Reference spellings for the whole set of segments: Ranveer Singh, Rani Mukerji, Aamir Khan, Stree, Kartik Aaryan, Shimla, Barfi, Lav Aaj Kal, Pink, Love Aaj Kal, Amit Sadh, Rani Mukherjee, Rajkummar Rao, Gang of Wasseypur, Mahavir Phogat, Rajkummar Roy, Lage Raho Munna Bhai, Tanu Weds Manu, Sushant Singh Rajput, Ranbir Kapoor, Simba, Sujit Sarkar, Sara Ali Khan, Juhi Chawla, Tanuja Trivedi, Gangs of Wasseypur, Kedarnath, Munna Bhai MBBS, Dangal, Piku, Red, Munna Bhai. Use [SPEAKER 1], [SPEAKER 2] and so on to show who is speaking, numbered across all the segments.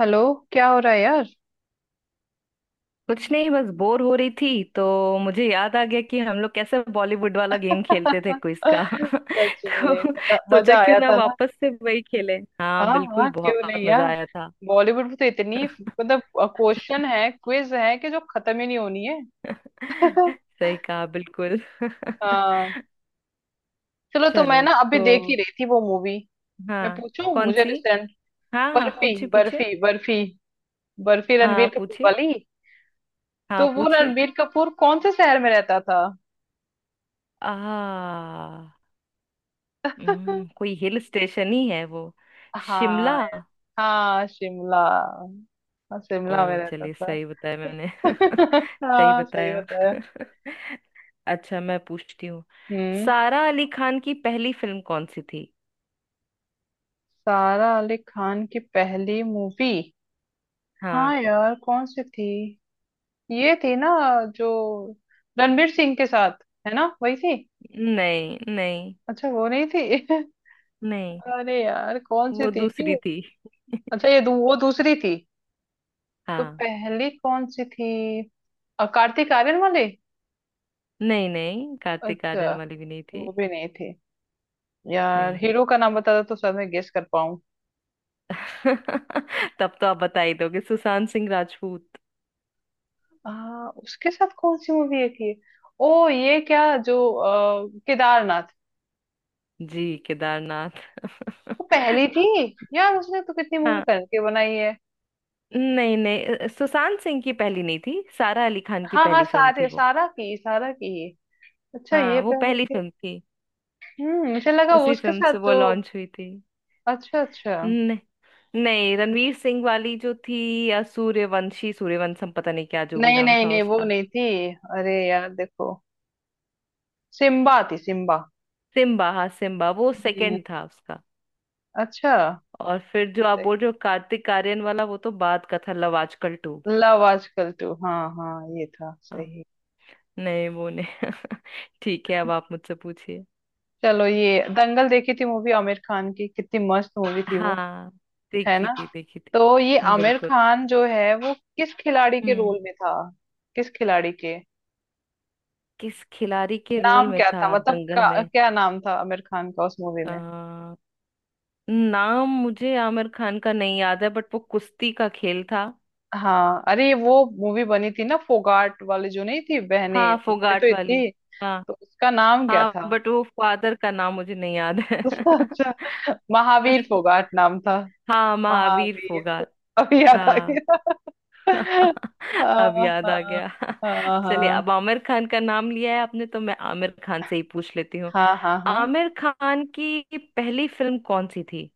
[SPEAKER 1] Hello. क्या हो रहा है यार।
[SPEAKER 2] कुछ नहीं। बस बोर हो रही थी तो मुझे याद आ गया कि हम लोग कैसे बॉलीवुड वाला गेम खेलते थे, क्विज का।
[SPEAKER 1] सच
[SPEAKER 2] तो
[SPEAKER 1] में मजा
[SPEAKER 2] सोचा
[SPEAKER 1] मजा
[SPEAKER 2] क्यों
[SPEAKER 1] आया
[SPEAKER 2] ना
[SPEAKER 1] था ना।
[SPEAKER 2] वापस से वही खेलें। हाँ
[SPEAKER 1] हाँ,
[SPEAKER 2] बिल्कुल,
[SPEAKER 1] हाँ, क्यों
[SPEAKER 2] बहुत
[SPEAKER 1] नहीं
[SPEAKER 2] मजा
[SPEAKER 1] यार।
[SPEAKER 2] आया था।
[SPEAKER 1] बॉलीवुड में तो इतनी, मतलब, क्वेश्चन है, क्विज है कि जो खत्म ही नहीं होनी है।
[SPEAKER 2] सही कहा बिल्कुल।
[SPEAKER 1] हाँ, चलो तो मैं
[SPEAKER 2] चलो।
[SPEAKER 1] ना अभी
[SPEAKER 2] तो
[SPEAKER 1] देख ही रही थी वो मूवी। मैं
[SPEAKER 2] हाँ।
[SPEAKER 1] पूछूं,
[SPEAKER 2] कौन
[SPEAKER 1] मुझे
[SPEAKER 2] सी?
[SPEAKER 1] रिसेंट,
[SPEAKER 2] हाँ हाँ,
[SPEAKER 1] बर्फी,
[SPEAKER 2] पूछिए पूछिए।
[SPEAKER 1] बर्फी, बर्फी। बर्फी
[SPEAKER 2] हाँ
[SPEAKER 1] रणबीर कपूर
[SPEAKER 2] पूछिए।
[SPEAKER 1] वाली। तो
[SPEAKER 2] हाँ
[SPEAKER 1] वो
[SPEAKER 2] पूछिए।
[SPEAKER 1] रणबीर कपूर कौन से शहर में रहता था?
[SPEAKER 2] आ कोई हिल स्टेशन ही है वो। शिमला।
[SPEAKER 1] हाँ, हाँ, शिमला। हाँ,
[SPEAKER 2] ओ
[SPEAKER 1] शिमला में रहता
[SPEAKER 2] चलिए,
[SPEAKER 1] था।
[SPEAKER 2] सही बताया मैंने। सही
[SPEAKER 1] हाँ, सही
[SPEAKER 2] बताया।
[SPEAKER 1] बताया।
[SPEAKER 2] अच्छा, मैं पूछती हूँ,
[SPEAKER 1] हम्म।
[SPEAKER 2] सारा अली खान की पहली फिल्म कौन सी थी?
[SPEAKER 1] सारा अली खान की पहली मूवी।
[SPEAKER 2] हाँ।
[SPEAKER 1] हाँ यार, कौन सी थी? ये थी ना, जो रणवीर सिंह के साथ, है ना, वही थी।
[SPEAKER 2] नहीं नहीं
[SPEAKER 1] अच्छा, वो नहीं थी।
[SPEAKER 2] नहीं,
[SPEAKER 1] अरे यार, कौन सी
[SPEAKER 2] वो
[SPEAKER 1] थी?
[SPEAKER 2] दूसरी थी।
[SPEAKER 1] अच्छा, वो दूसरी थी। तो
[SPEAKER 2] हाँ।
[SPEAKER 1] पहली कौन सी थी? कार्तिक आर्यन वाली।
[SPEAKER 2] नहीं नहीं, कार्तिक
[SPEAKER 1] अच्छा,
[SPEAKER 2] आर्यन वाली भी नहीं थी।
[SPEAKER 1] वो भी नहीं थी। यार,
[SPEAKER 2] नहीं।
[SPEAKER 1] हीरो का नाम बता दो तो शायद मैं गेस कर।
[SPEAKER 2] तब तो आप बता ही दोगे, सुशांत सिंह राजपूत।
[SPEAKER 1] हाँ, उसके साथ कौन सी मूवी है थी? ओ, ये क्या जो केदारनाथ।
[SPEAKER 2] जी केदारनाथ।
[SPEAKER 1] वो पहली थी। यार, उसने तो कितनी मूवी
[SPEAKER 2] हाँ।
[SPEAKER 1] करके बनाई है।
[SPEAKER 2] नहीं नहीं, सुशांत सिंह की पहली नहीं थी, सारा अली खान की
[SPEAKER 1] हाँ, हाँ,
[SPEAKER 2] पहली फिल्म थी
[SPEAKER 1] सारे
[SPEAKER 2] वो।
[SPEAKER 1] सारा की। अच्छा,
[SPEAKER 2] हाँ
[SPEAKER 1] ये
[SPEAKER 2] वो
[SPEAKER 1] पहली
[SPEAKER 2] पहली
[SPEAKER 1] थी।
[SPEAKER 2] फिल्म थी।
[SPEAKER 1] मुझे लगा वो
[SPEAKER 2] उसी
[SPEAKER 1] उसके
[SPEAKER 2] फिल्म
[SPEAKER 1] साथ
[SPEAKER 2] से वो
[SPEAKER 1] जो।
[SPEAKER 2] लॉन्च हुई थी।
[SPEAKER 1] अच्छा, अच्छा।
[SPEAKER 2] न, नहीं, रणवीर सिंह वाली जो थी, या सूर्यवंशी सूर्यवंशम, पता नहीं क्या जो भी
[SPEAKER 1] नहीं,
[SPEAKER 2] नाम
[SPEAKER 1] नहीं,
[SPEAKER 2] था
[SPEAKER 1] नहीं, वो
[SPEAKER 2] उसका।
[SPEAKER 1] नहीं थी। अरे यार, देखो। सिम्बा थी, सिम्बा।
[SPEAKER 2] सिम्बा, हाँ सिम्बा, वो
[SPEAKER 1] हम्म।
[SPEAKER 2] सेकंड था उसका।
[SPEAKER 1] अच्छा।
[SPEAKER 2] और फिर जो आप बोल रहे हो कार्तिक आर्यन वाला, वो तो बाद का था, लव आजकल टू।
[SPEAKER 1] लव आजकल 2। हाँ, हाँ। ये था,
[SPEAKER 2] हाँ
[SPEAKER 1] सही।
[SPEAKER 2] नहीं, वो नहीं। ठीक है, अब आप मुझसे पूछिए।
[SPEAKER 1] चलो, ये दंगल देखी थी मूवी, आमिर खान की। कितनी मस्त मूवी थी वो।
[SPEAKER 2] हाँ
[SPEAKER 1] है ना।
[SPEAKER 2] देखी
[SPEAKER 1] तो ये
[SPEAKER 2] थी
[SPEAKER 1] आमिर
[SPEAKER 2] बिल्कुल।
[SPEAKER 1] खान जो है वो किस खिलाड़ी के
[SPEAKER 2] हम्म
[SPEAKER 1] रोल में था? किस खिलाड़ी के?
[SPEAKER 2] किस खिलाड़ी के रोल
[SPEAKER 1] नाम
[SPEAKER 2] में
[SPEAKER 1] क्या
[SPEAKER 2] था
[SPEAKER 1] था, मतलब
[SPEAKER 2] दंगल में?
[SPEAKER 1] क्या नाम था आमिर खान का उस मूवी में?
[SPEAKER 2] अ नाम मुझे आमिर खान का नहीं याद है, बट वो कुश्ती का खेल था।
[SPEAKER 1] हाँ, अरे वो मूवी बनी थी ना, फोगाट वाली, जो नहीं थी, बहने।
[SPEAKER 2] हाँ
[SPEAKER 1] उसपे तो
[SPEAKER 2] फोगाट वाली।
[SPEAKER 1] इतनी।
[SPEAKER 2] हाँ
[SPEAKER 1] तो उसका नाम क्या
[SPEAKER 2] हाँ,
[SPEAKER 1] था?
[SPEAKER 2] बट वो फादर का नाम मुझे नहीं याद है।
[SPEAKER 1] अच्छा, महावीर फोगाट नाम था।
[SPEAKER 2] हाँ महावीर
[SPEAKER 1] महावीर।
[SPEAKER 2] फोगाट।
[SPEAKER 1] अभी याद आ
[SPEAKER 2] हाँ।
[SPEAKER 1] गया।
[SPEAKER 2] अब
[SPEAKER 1] हाँ,
[SPEAKER 2] याद आ
[SPEAKER 1] हाँ,
[SPEAKER 2] गया।
[SPEAKER 1] हाँ,
[SPEAKER 2] चलिए,
[SPEAKER 1] हाँ,
[SPEAKER 2] अब आमिर खान का नाम लिया है आपने तो मैं आमिर खान से ही पूछ लेती हूँ।
[SPEAKER 1] हाँ, हाँ, हाँ।
[SPEAKER 2] आमिर खान की पहली फिल्म कौन सी थी?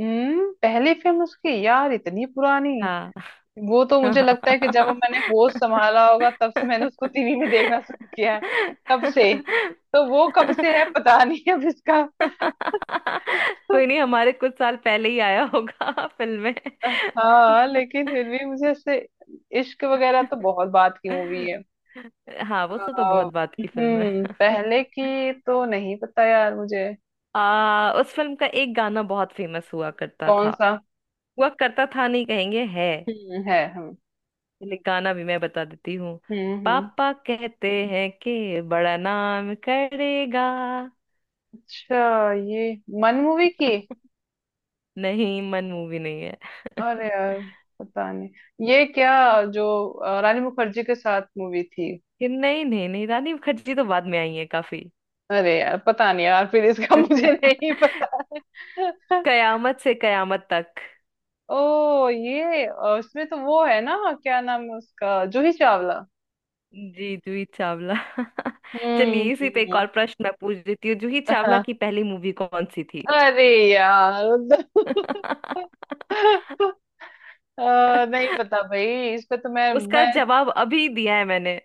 [SPEAKER 1] पहली फिल्म उसकी, यार इतनी पुरानी।
[SPEAKER 2] हाँ।
[SPEAKER 1] वो तो
[SPEAKER 2] कोई
[SPEAKER 1] मुझे लगता है कि जब मैंने होश संभाला होगा तब से मैंने उसको टीवी में देखना शुरू किया है। तब से। तो वो कब से है पता नहीं अब इसका।
[SPEAKER 2] नहीं, हमारे कुछ साल पहले ही आया होगा फिल्म में।
[SPEAKER 1] हाँ, लेकिन फिर भी मुझे ऐसे। इश्क वगैरह तो बहुत बात की मूवी है।
[SPEAKER 2] हाँ वो, सो तो
[SPEAKER 1] आ,
[SPEAKER 2] बहुत बात की फिल्म है।
[SPEAKER 1] पहले की तो नहीं पता यार मुझे।
[SPEAKER 2] उस फिल्म का एक गाना बहुत फेमस हुआ करता
[SPEAKER 1] कौन
[SPEAKER 2] था।
[SPEAKER 1] सा?
[SPEAKER 2] हुआ करता था नहीं, कहेंगे है।
[SPEAKER 1] हम्म, है, हम।
[SPEAKER 2] चलिए, गाना भी मैं बता देती हूँ।
[SPEAKER 1] हम्म,
[SPEAKER 2] पापा कहते हैं कि बड़ा नाम करेगा।
[SPEAKER 1] अच्छा, ये मन मूवी की।
[SPEAKER 2] नहीं, मन मूवी नहीं है।
[SPEAKER 1] अरे यार, पता नहीं ये क्या। जो रानी मुखर्जी के साथ मूवी थी।
[SPEAKER 2] कि नहीं नहीं नहीं, रानी मुखर्जी तो बाद में आई है काफी।
[SPEAKER 1] अरे यार, पता नहीं यार फिर इसका। मुझे नहीं पता। है।
[SPEAKER 2] कयामत से कयामत तक।
[SPEAKER 1] ओ, ये इसमें तो वो है ना। क्या नाम है उसका, जूही चावला।
[SPEAKER 2] जी जूही चावला।
[SPEAKER 1] हम्म,
[SPEAKER 2] चलिए, इसी पे एक और प्रश्न मैं पूछ देती हूँ, जूही चावला
[SPEAKER 1] हाँ,
[SPEAKER 2] की पहली मूवी कौन सी थी?
[SPEAKER 1] अरे यार। नहीं पता भाई, इस पे तो मैं
[SPEAKER 2] उसका
[SPEAKER 1] मैं
[SPEAKER 2] जवाब अभी दिया है मैंने।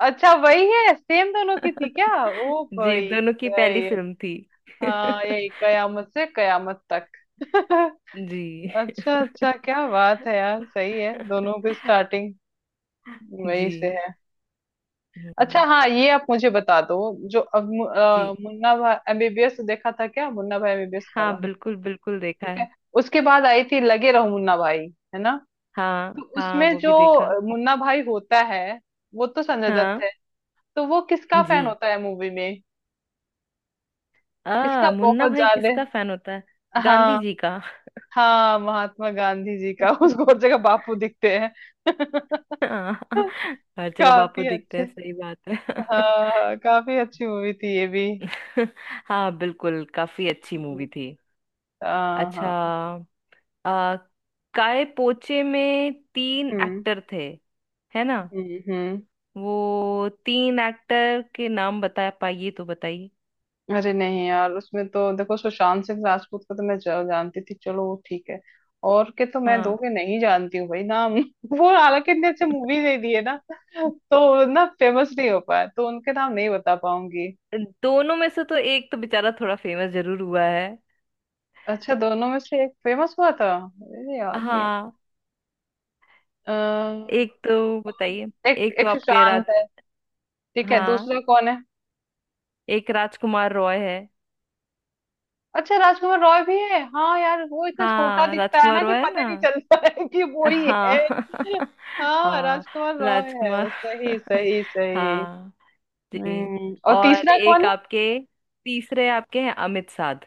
[SPEAKER 1] अच्छा, वही है सेम, दोनों की थी क्या? ओ
[SPEAKER 2] जी,
[SPEAKER 1] भाई।
[SPEAKER 2] दोनों की पहली फिल्म थी।
[SPEAKER 1] हाँ, यही कयामत से कयामत तक।
[SPEAKER 2] जी।
[SPEAKER 1] अच्छा, अच्छा, क्या बात है यार, सही है दोनों की स्टार्टिंग वही से
[SPEAKER 2] जी।
[SPEAKER 1] है। अच्छा,
[SPEAKER 2] हम्म,
[SPEAKER 1] हाँ, ये आप मुझे बता दो। जो अब
[SPEAKER 2] जी।
[SPEAKER 1] मुन्ना भाई एमबीबीएस देखा था क्या, मुन्ना भाई एमबीबीएस
[SPEAKER 2] हाँ
[SPEAKER 1] वाला।
[SPEAKER 2] बिल्कुल बिल्कुल, देखा
[SPEAKER 1] ठीक
[SPEAKER 2] है।
[SPEAKER 1] है। उसके बाद आई थी लगे रहो मुन्ना भाई। है ना।
[SPEAKER 2] हाँ
[SPEAKER 1] तो
[SPEAKER 2] हाँ,
[SPEAKER 1] उसमें
[SPEAKER 2] वो
[SPEAKER 1] जो
[SPEAKER 2] भी देखा।
[SPEAKER 1] मुन्ना भाई होता है वो तो संजय दत्त
[SPEAKER 2] हाँ
[SPEAKER 1] है। तो वो किसका
[SPEAKER 2] जी।
[SPEAKER 1] फैन होता है मूवी में? किसका
[SPEAKER 2] आ मुन्ना
[SPEAKER 1] बहुत
[SPEAKER 2] भाई
[SPEAKER 1] ज्यादा?
[SPEAKER 2] किसका फैन होता है? गांधी
[SPEAKER 1] हाँ,
[SPEAKER 2] जी का।
[SPEAKER 1] हाँ, महात्मा गांधी जी का। उसको हर जगह बापू दिखते हैं।
[SPEAKER 2] हाँ, हर जगह बापू
[SPEAKER 1] काफी
[SPEAKER 2] दिखते हैं,
[SPEAKER 1] अच्छे।
[SPEAKER 2] सही बात है।
[SPEAKER 1] हाँ, हाँ, काफी अच्छी मूवी थी ये भी।
[SPEAKER 2] हाँ बिल्कुल, काफी अच्छी मूवी थी।
[SPEAKER 1] हाँ,
[SPEAKER 2] अच्छा,
[SPEAKER 1] हाँ।
[SPEAKER 2] आ, काए पोचे में तीन
[SPEAKER 1] हम्म,
[SPEAKER 2] एक्टर थे, है ना?
[SPEAKER 1] हम्म,
[SPEAKER 2] वो तीन एक्टर के नाम बता पाइए तो बताइए।
[SPEAKER 1] अरे नहीं यार, उसमें तो देखो सुशांत सिंह राजपूत को तो मैं जानती थी, चलो वो ठीक है। और के तो मैं दो
[SPEAKER 2] हाँ,
[SPEAKER 1] के नहीं जानती हूँ भाई, नाम। वो हालांकि इतने अच्छे मूवी नहीं दिए ना। तो ना फेमस नहीं हो पाया तो उनके नाम नहीं बता पाऊंगी।
[SPEAKER 2] दोनों में से तो एक तो बेचारा थोड़ा फेमस जरूर हुआ है।
[SPEAKER 1] अच्छा, दोनों में से एक फेमस हुआ था? अरे याद नहीं
[SPEAKER 2] हाँ,
[SPEAKER 1] है।
[SPEAKER 2] एक तो
[SPEAKER 1] कौन?
[SPEAKER 2] बताइए।
[SPEAKER 1] एक,
[SPEAKER 2] एक तो
[SPEAKER 1] एक
[SPEAKER 2] आपके,
[SPEAKER 1] सुशांत है। ठीक है,
[SPEAKER 2] हाँ,
[SPEAKER 1] दूसरा कौन है?
[SPEAKER 2] एक राजकुमार रॉय है।
[SPEAKER 1] अच्छा, राजकुमार रॉय भी है, हाँ यार वो इतना छोटा
[SPEAKER 2] हाँ
[SPEAKER 1] दिखता है
[SPEAKER 2] राजकुमार
[SPEAKER 1] ना कि
[SPEAKER 2] रॉय है
[SPEAKER 1] पता
[SPEAKER 2] ना।
[SPEAKER 1] नहीं चलता है कि वो ही
[SPEAKER 2] हाँ।
[SPEAKER 1] है। हाँ,
[SPEAKER 2] हाँ
[SPEAKER 1] राजकुमार रॉय
[SPEAKER 2] राजकुमार।
[SPEAKER 1] है, सही, सही, सही।
[SPEAKER 2] हाँ जी।
[SPEAKER 1] और
[SPEAKER 2] और
[SPEAKER 1] तीसरा कौन
[SPEAKER 2] एक
[SPEAKER 1] है?
[SPEAKER 2] आपके, तीसरे आपके हैं अमित साध।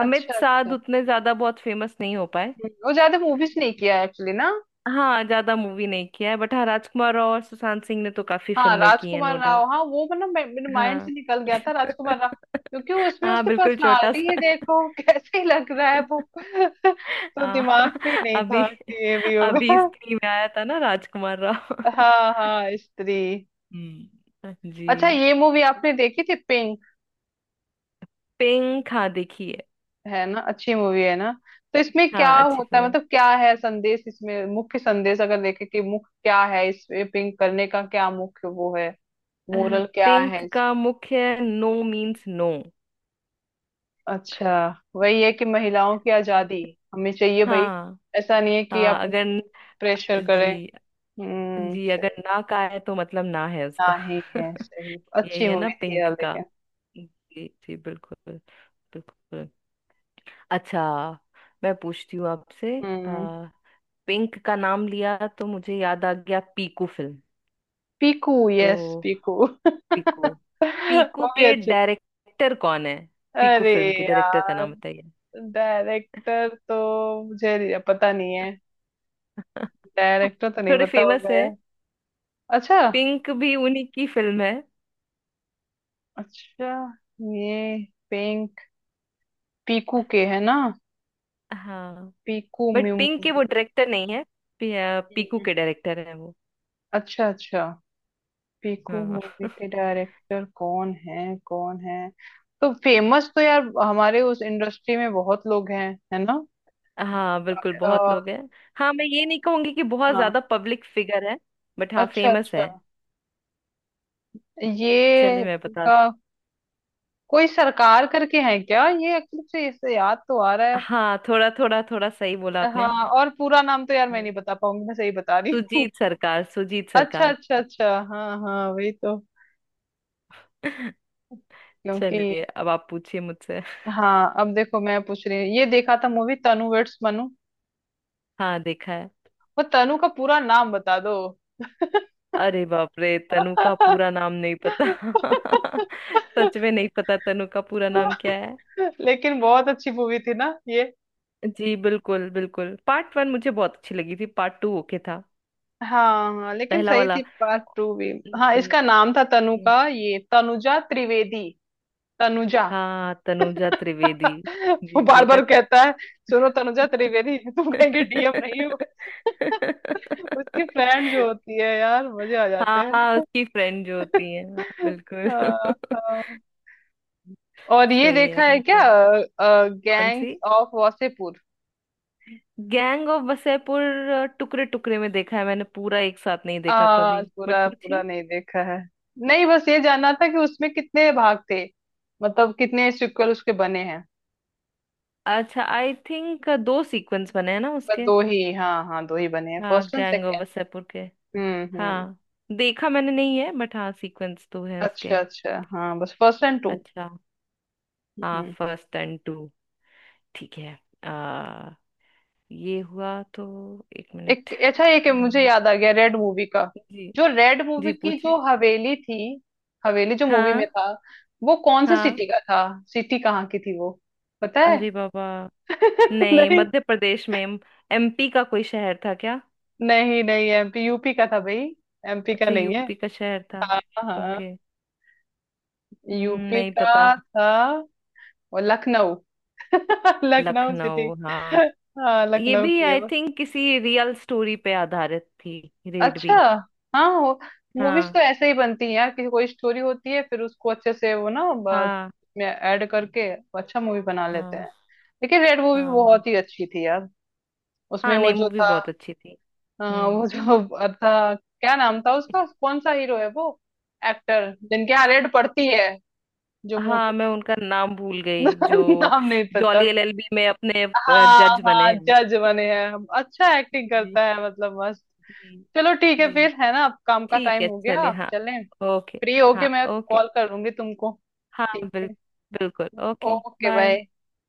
[SPEAKER 2] अमित
[SPEAKER 1] अच्छा,
[SPEAKER 2] साध
[SPEAKER 1] अच्छा।
[SPEAKER 2] उतने ज्यादा बहुत फेमस नहीं हो पाए।
[SPEAKER 1] वो ज्यादा मूवीज नहीं किया एक्चुअली ना।
[SPEAKER 2] हाँ ज्यादा मूवी नहीं किया है, बट हाँ राजकुमार राव और सुशांत सिंह ने तो काफी
[SPEAKER 1] हाँ,
[SPEAKER 2] फिल्में की हैं, नो
[SPEAKER 1] राजकुमार
[SPEAKER 2] डाउट।
[SPEAKER 1] राव, हाँ वो मतलब मेरे माइंड से
[SPEAKER 2] हाँ।
[SPEAKER 1] निकल गया था राजकुमार राव। क्योंकि उसमें
[SPEAKER 2] हाँ
[SPEAKER 1] उसकी
[SPEAKER 2] बिल्कुल, छोटा
[SPEAKER 1] पर्सनालिटी ही
[SPEAKER 2] सा।
[SPEAKER 1] देखो। कैसे लग रहा है वो। तो
[SPEAKER 2] आ,
[SPEAKER 1] दिमाग में ही नहीं
[SPEAKER 2] अभी
[SPEAKER 1] था कि ये भी
[SPEAKER 2] अभी
[SPEAKER 1] होगा।
[SPEAKER 2] स्त्री में आया था ना राजकुमार राव।
[SPEAKER 1] हाँ, हाँ, स्त्री।
[SPEAKER 2] जी।
[SPEAKER 1] अच्छा, ये मूवी आपने देखी थी, पिंक?
[SPEAKER 2] पिंक, हाँ देखी है।
[SPEAKER 1] है ना, अच्छी मूवी है ना। तो इसमें क्या
[SPEAKER 2] हाँ अच्छी
[SPEAKER 1] होता है,
[SPEAKER 2] फिल्म।
[SPEAKER 1] मतलब क्या है संदेश, इसमें मुख्य संदेश अगर देखे कि मुख्य क्या है इसमें, पिंक करने का क्या मुख्य वो है। मोरल क्या है
[SPEAKER 2] पिंक का मुख्य, नो मीन्स नो।
[SPEAKER 1] अच्छा, वही है कि महिलाओं की आजादी। हमें चाहिए भाई।
[SPEAKER 2] हाँ
[SPEAKER 1] ऐसा नहीं है कि
[SPEAKER 2] हाँ,
[SPEAKER 1] आप
[SPEAKER 2] अगर,
[SPEAKER 1] उनको प्रेशर करें।
[SPEAKER 2] जी
[SPEAKER 1] हम्म,
[SPEAKER 2] जी, अगर
[SPEAKER 1] सही।
[SPEAKER 2] ना का है तो मतलब ना है उसका।
[SPEAKER 1] नहीं है सही,
[SPEAKER 2] यही
[SPEAKER 1] अच्छी
[SPEAKER 2] है ना
[SPEAKER 1] मूवी थी यार,
[SPEAKER 2] पिंक का।
[SPEAKER 1] लेकिन।
[SPEAKER 2] जी जी बिल्कुल बिल्कुल। अच्छा, मैं पूछती हूँ आपसे,
[SPEAKER 1] हम्म
[SPEAKER 2] पिंक का नाम लिया तो मुझे याद आ गया पीकू फिल्म।
[SPEAKER 1] पीकू,
[SPEAKER 2] तो
[SPEAKER 1] यस, पीकू।
[SPEAKER 2] पीकू, पीकू
[SPEAKER 1] वो भी
[SPEAKER 2] के
[SPEAKER 1] अच्छी।
[SPEAKER 2] डायरेक्टर कौन है? पीकू
[SPEAKER 1] अरे
[SPEAKER 2] फिल्म के डायरेक्टर का
[SPEAKER 1] यार,
[SPEAKER 2] नाम बताइए।
[SPEAKER 1] डायरेक्टर तो मुझे पता नहीं है। डायरेक्टर तो नहीं
[SPEAKER 2] थोड़े
[SPEAKER 1] पता
[SPEAKER 2] फेमस
[SPEAKER 1] होगा
[SPEAKER 2] है।
[SPEAKER 1] यार। अच्छा,
[SPEAKER 2] पिंक भी उन्हीं की फिल्म है।
[SPEAKER 1] अच्छा, ये पिंक, पीकू के है ना।
[SPEAKER 2] हाँ,
[SPEAKER 1] पीकू
[SPEAKER 2] बट पिंक के वो
[SPEAKER 1] मूवी।
[SPEAKER 2] डायरेक्टर नहीं है। पीकू के डायरेक्टर है वो।
[SPEAKER 1] अच्छा, अच्छा। पीकू
[SPEAKER 2] हाँ।
[SPEAKER 1] मूवी के डायरेक्टर कौन है, कौन है? तो फेमस तो यार हमारे उस इंडस्ट्री में बहुत लोग हैं है ना।
[SPEAKER 2] हाँ बिल्कुल, बहुत
[SPEAKER 1] और,
[SPEAKER 2] लोग हैं। हाँ, मैं ये नहीं कहूंगी कि बहुत
[SPEAKER 1] हाँ।
[SPEAKER 2] ज्यादा पब्लिक फिगर है, बट हाँ
[SPEAKER 1] अच्छा,
[SPEAKER 2] फेमस
[SPEAKER 1] अच्छा।
[SPEAKER 2] है।
[SPEAKER 1] ये
[SPEAKER 2] चलिए, मैं बता।
[SPEAKER 1] उनका कोई सरकार करके है क्या? ये एक्चुअली से, इससे याद तो आ रहा है।
[SPEAKER 2] हाँ थोड़ा थोड़ा थोड़ा, सही बोला आपने।
[SPEAKER 1] हाँ, और पूरा नाम तो यार मैं नहीं बता पाऊंगी, मैं सही बता रही हूँ।
[SPEAKER 2] सुजीत सरकार, सुजीत
[SPEAKER 1] अच्छा,
[SPEAKER 2] सरकार।
[SPEAKER 1] अच्छा, अच्छा, हाँ, हाँ, वही तो। क्योंकि।
[SPEAKER 2] चलिए, अब आप पूछिए मुझसे।
[SPEAKER 1] हाँ, अब देखो मैं पूछ रही हूँ, ये देखा था मूवी तनु वेड्स मनु।
[SPEAKER 2] हाँ देखा है।
[SPEAKER 1] वो तनु का पूरा नाम बता दो।
[SPEAKER 2] अरे बाप रे, तनु का पूरा नाम नहीं पता। सच में नहीं पता तनु का पूरा नाम क्या है।
[SPEAKER 1] लेकिन बहुत अच्छी मूवी थी ना ये।
[SPEAKER 2] जी बिल्कुल बिल्कुल, पार्ट वन मुझे बहुत अच्छी लगी थी, पार्ट टू ओके था।
[SPEAKER 1] हाँ, हाँ, लेकिन
[SPEAKER 2] पहला
[SPEAKER 1] सही
[SPEAKER 2] वाला।
[SPEAKER 1] थी पार्ट 2 भी। हाँ,
[SPEAKER 2] जी।
[SPEAKER 1] इसका नाम था तनु
[SPEAKER 2] जी।
[SPEAKER 1] का, ये तनुजा त्रिवेदी। तनुजा।
[SPEAKER 2] हाँ, तनुजा त्रिवेदी।
[SPEAKER 1] वो
[SPEAKER 2] जी
[SPEAKER 1] बार
[SPEAKER 2] सही कहा।
[SPEAKER 1] बार कहता है। सुनो तनुजा त्रिवेदी, तुम कहेंगे डीएम नहीं हो। उसकी फ्रेंड जो होती है यार, मजे आ जाते
[SPEAKER 2] हाँ
[SPEAKER 1] हैं।
[SPEAKER 2] हाँ, उसकी फ्रेंड जो होती है, हाँ, बिल्कुल।
[SPEAKER 1] हाँ, हाँ। और ये
[SPEAKER 2] सही है
[SPEAKER 1] देखा है
[SPEAKER 2] आपने
[SPEAKER 1] क्या,
[SPEAKER 2] कहा। कौन सी?
[SPEAKER 1] Gangs of Wasseypur?
[SPEAKER 2] Gang of Wasseypur? टुकड़े टुकड़े में देखा है मैंने, पूरा एक साथ नहीं देखा कभी, बट
[SPEAKER 1] पूरा पूरा
[SPEAKER 2] पूछिए।
[SPEAKER 1] नहीं देखा है। नहीं, बस ये जानना था कि उसमें कितने भाग थे। मतलब कितने सिक्वल उसके बने हैं।
[SPEAKER 2] अच्छा, आई थिंक दो सीक्वेंस बने हैं ना
[SPEAKER 1] बस
[SPEAKER 2] उसके।
[SPEAKER 1] दो ही, हाँ, हाँ, दो ही बने हैं,
[SPEAKER 2] हाँ
[SPEAKER 1] first and
[SPEAKER 2] gang of
[SPEAKER 1] second.
[SPEAKER 2] Wasseypur के।
[SPEAKER 1] हम्म, हम्म।
[SPEAKER 2] हाँ। देखा मैंने नहीं है, बट हाँ सीक्वेंस तो है उसके।
[SPEAKER 1] अच्छा, अच्छा, हाँ, बस फर्स्ट एंड 2।
[SPEAKER 2] अच्छा हाँ, फर्स्ट एंड टू। ठीक है। आ, ये हुआ तो, एक मिनट।
[SPEAKER 1] एक, अच्छा, एक मुझे
[SPEAKER 2] हम्म,
[SPEAKER 1] याद आ गया रेड मूवी का।
[SPEAKER 2] जी।
[SPEAKER 1] जो रेड मूवी
[SPEAKER 2] जी
[SPEAKER 1] की जो
[SPEAKER 2] पूछिए।
[SPEAKER 1] हवेली थी। हवेली जो मूवी
[SPEAKER 2] हाँ।
[SPEAKER 1] में था। वो कौन से
[SPEAKER 2] हाँ।
[SPEAKER 1] सिटी का था? सिटी कहाँ की थी वो, पता है?
[SPEAKER 2] अरे बाबा, नहीं,
[SPEAKER 1] नहीं,
[SPEAKER 2] मध्य प्रदेश में? एमपी का कोई शहर था क्या?
[SPEAKER 1] नहीं, नहीं, एमपी, यूपी का था भाई। एमपी का
[SPEAKER 2] अच्छा,
[SPEAKER 1] नहीं है।
[SPEAKER 2] यूपी का शहर था।
[SPEAKER 1] हाँ, हाँ,
[SPEAKER 2] ओके।
[SPEAKER 1] यूपी
[SPEAKER 2] नहीं
[SPEAKER 1] का
[SPEAKER 2] पता।
[SPEAKER 1] था। और लखनऊ। लखनऊ सिटी।
[SPEAKER 2] लखनऊ, हाँ।
[SPEAKER 1] हाँ,
[SPEAKER 2] ये
[SPEAKER 1] लखनऊ
[SPEAKER 2] भी
[SPEAKER 1] की है।
[SPEAKER 2] आई थिंक किसी रियल स्टोरी पे आधारित थी, रेड
[SPEAKER 1] अच्छा,
[SPEAKER 2] भी।
[SPEAKER 1] हाँ, हो। मूवीज तो
[SPEAKER 2] हाँ।
[SPEAKER 1] ऐसे ही बनती हैं यार कि कोई स्टोरी होती है फिर उसको अच्छे से वो ना
[SPEAKER 2] हाँ।
[SPEAKER 1] में ऐड करके अच्छा मूवी बना लेते हैं।
[SPEAKER 2] हाँ।
[SPEAKER 1] लेकिन रेड मूवी
[SPEAKER 2] हाँ
[SPEAKER 1] बहुत ही
[SPEAKER 2] बिल्कुल।
[SPEAKER 1] अच्छी थी यार। उसमें
[SPEAKER 2] हाँ
[SPEAKER 1] वो
[SPEAKER 2] नहीं,
[SPEAKER 1] जो
[SPEAKER 2] मूवी
[SPEAKER 1] था।
[SPEAKER 2] बहुत अच्छी थी। हम्म।
[SPEAKER 1] वो जो था क्या नाम था उसका, कौन सा हीरो है वो? एक्टर जिनके यहाँ रेड पड़ती है। जो
[SPEAKER 2] हाँ
[SPEAKER 1] मोटू।
[SPEAKER 2] मैं उनका नाम भूल गई, जो
[SPEAKER 1] नाम नहीं पता।
[SPEAKER 2] जॉली एलएलबी में अपने
[SPEAKER 1] हाँ,
[SPEAKER 2] जज बने
[SPEAKER 1] हाँ,
[SPEAKER 2] हैं।
[SPEAKER 1] जज बने हैं। अच्छा, एक्टिंग
[SPEAKER 2] जी।
[SPEAKER 1] करता है मतलब मस्त।
[SPEAKER 2] जी।
[SPEAKER 1] चलो ठीक है
[SPEAKER 2] जी,
[SPEAKER 1] फिर, है ना, अब काम का
[SPEAKER 2] ठीक
[SPEAKER 1] टाइम
[SPEAKER 2] है,
[SPEAKER 1] हो
[SPEAKER 2] चलिए,
[SPEAKER 1] गया,
[SPEAKER 2] हाँ।
[SPEAKER 1] चलें।
[SPEAKER 2] ओके।
[SPEAKER 1] फ्री
[SPEAKER 2] हाँ
[SPEAKER 1] होके मैं
[SPEAKER 2] ओके।
[SPEAKER 1] कॉल करूंगी तुमको।
[SPEAKER 2] हाँ
[SPEAKER 1] ठीक है,
[SPEAKER 2] बिल्कुल ओके।
[SPEAKER 1] Okay,
[SPEAKER 2] bye.
[SPEAKER 1] बाय।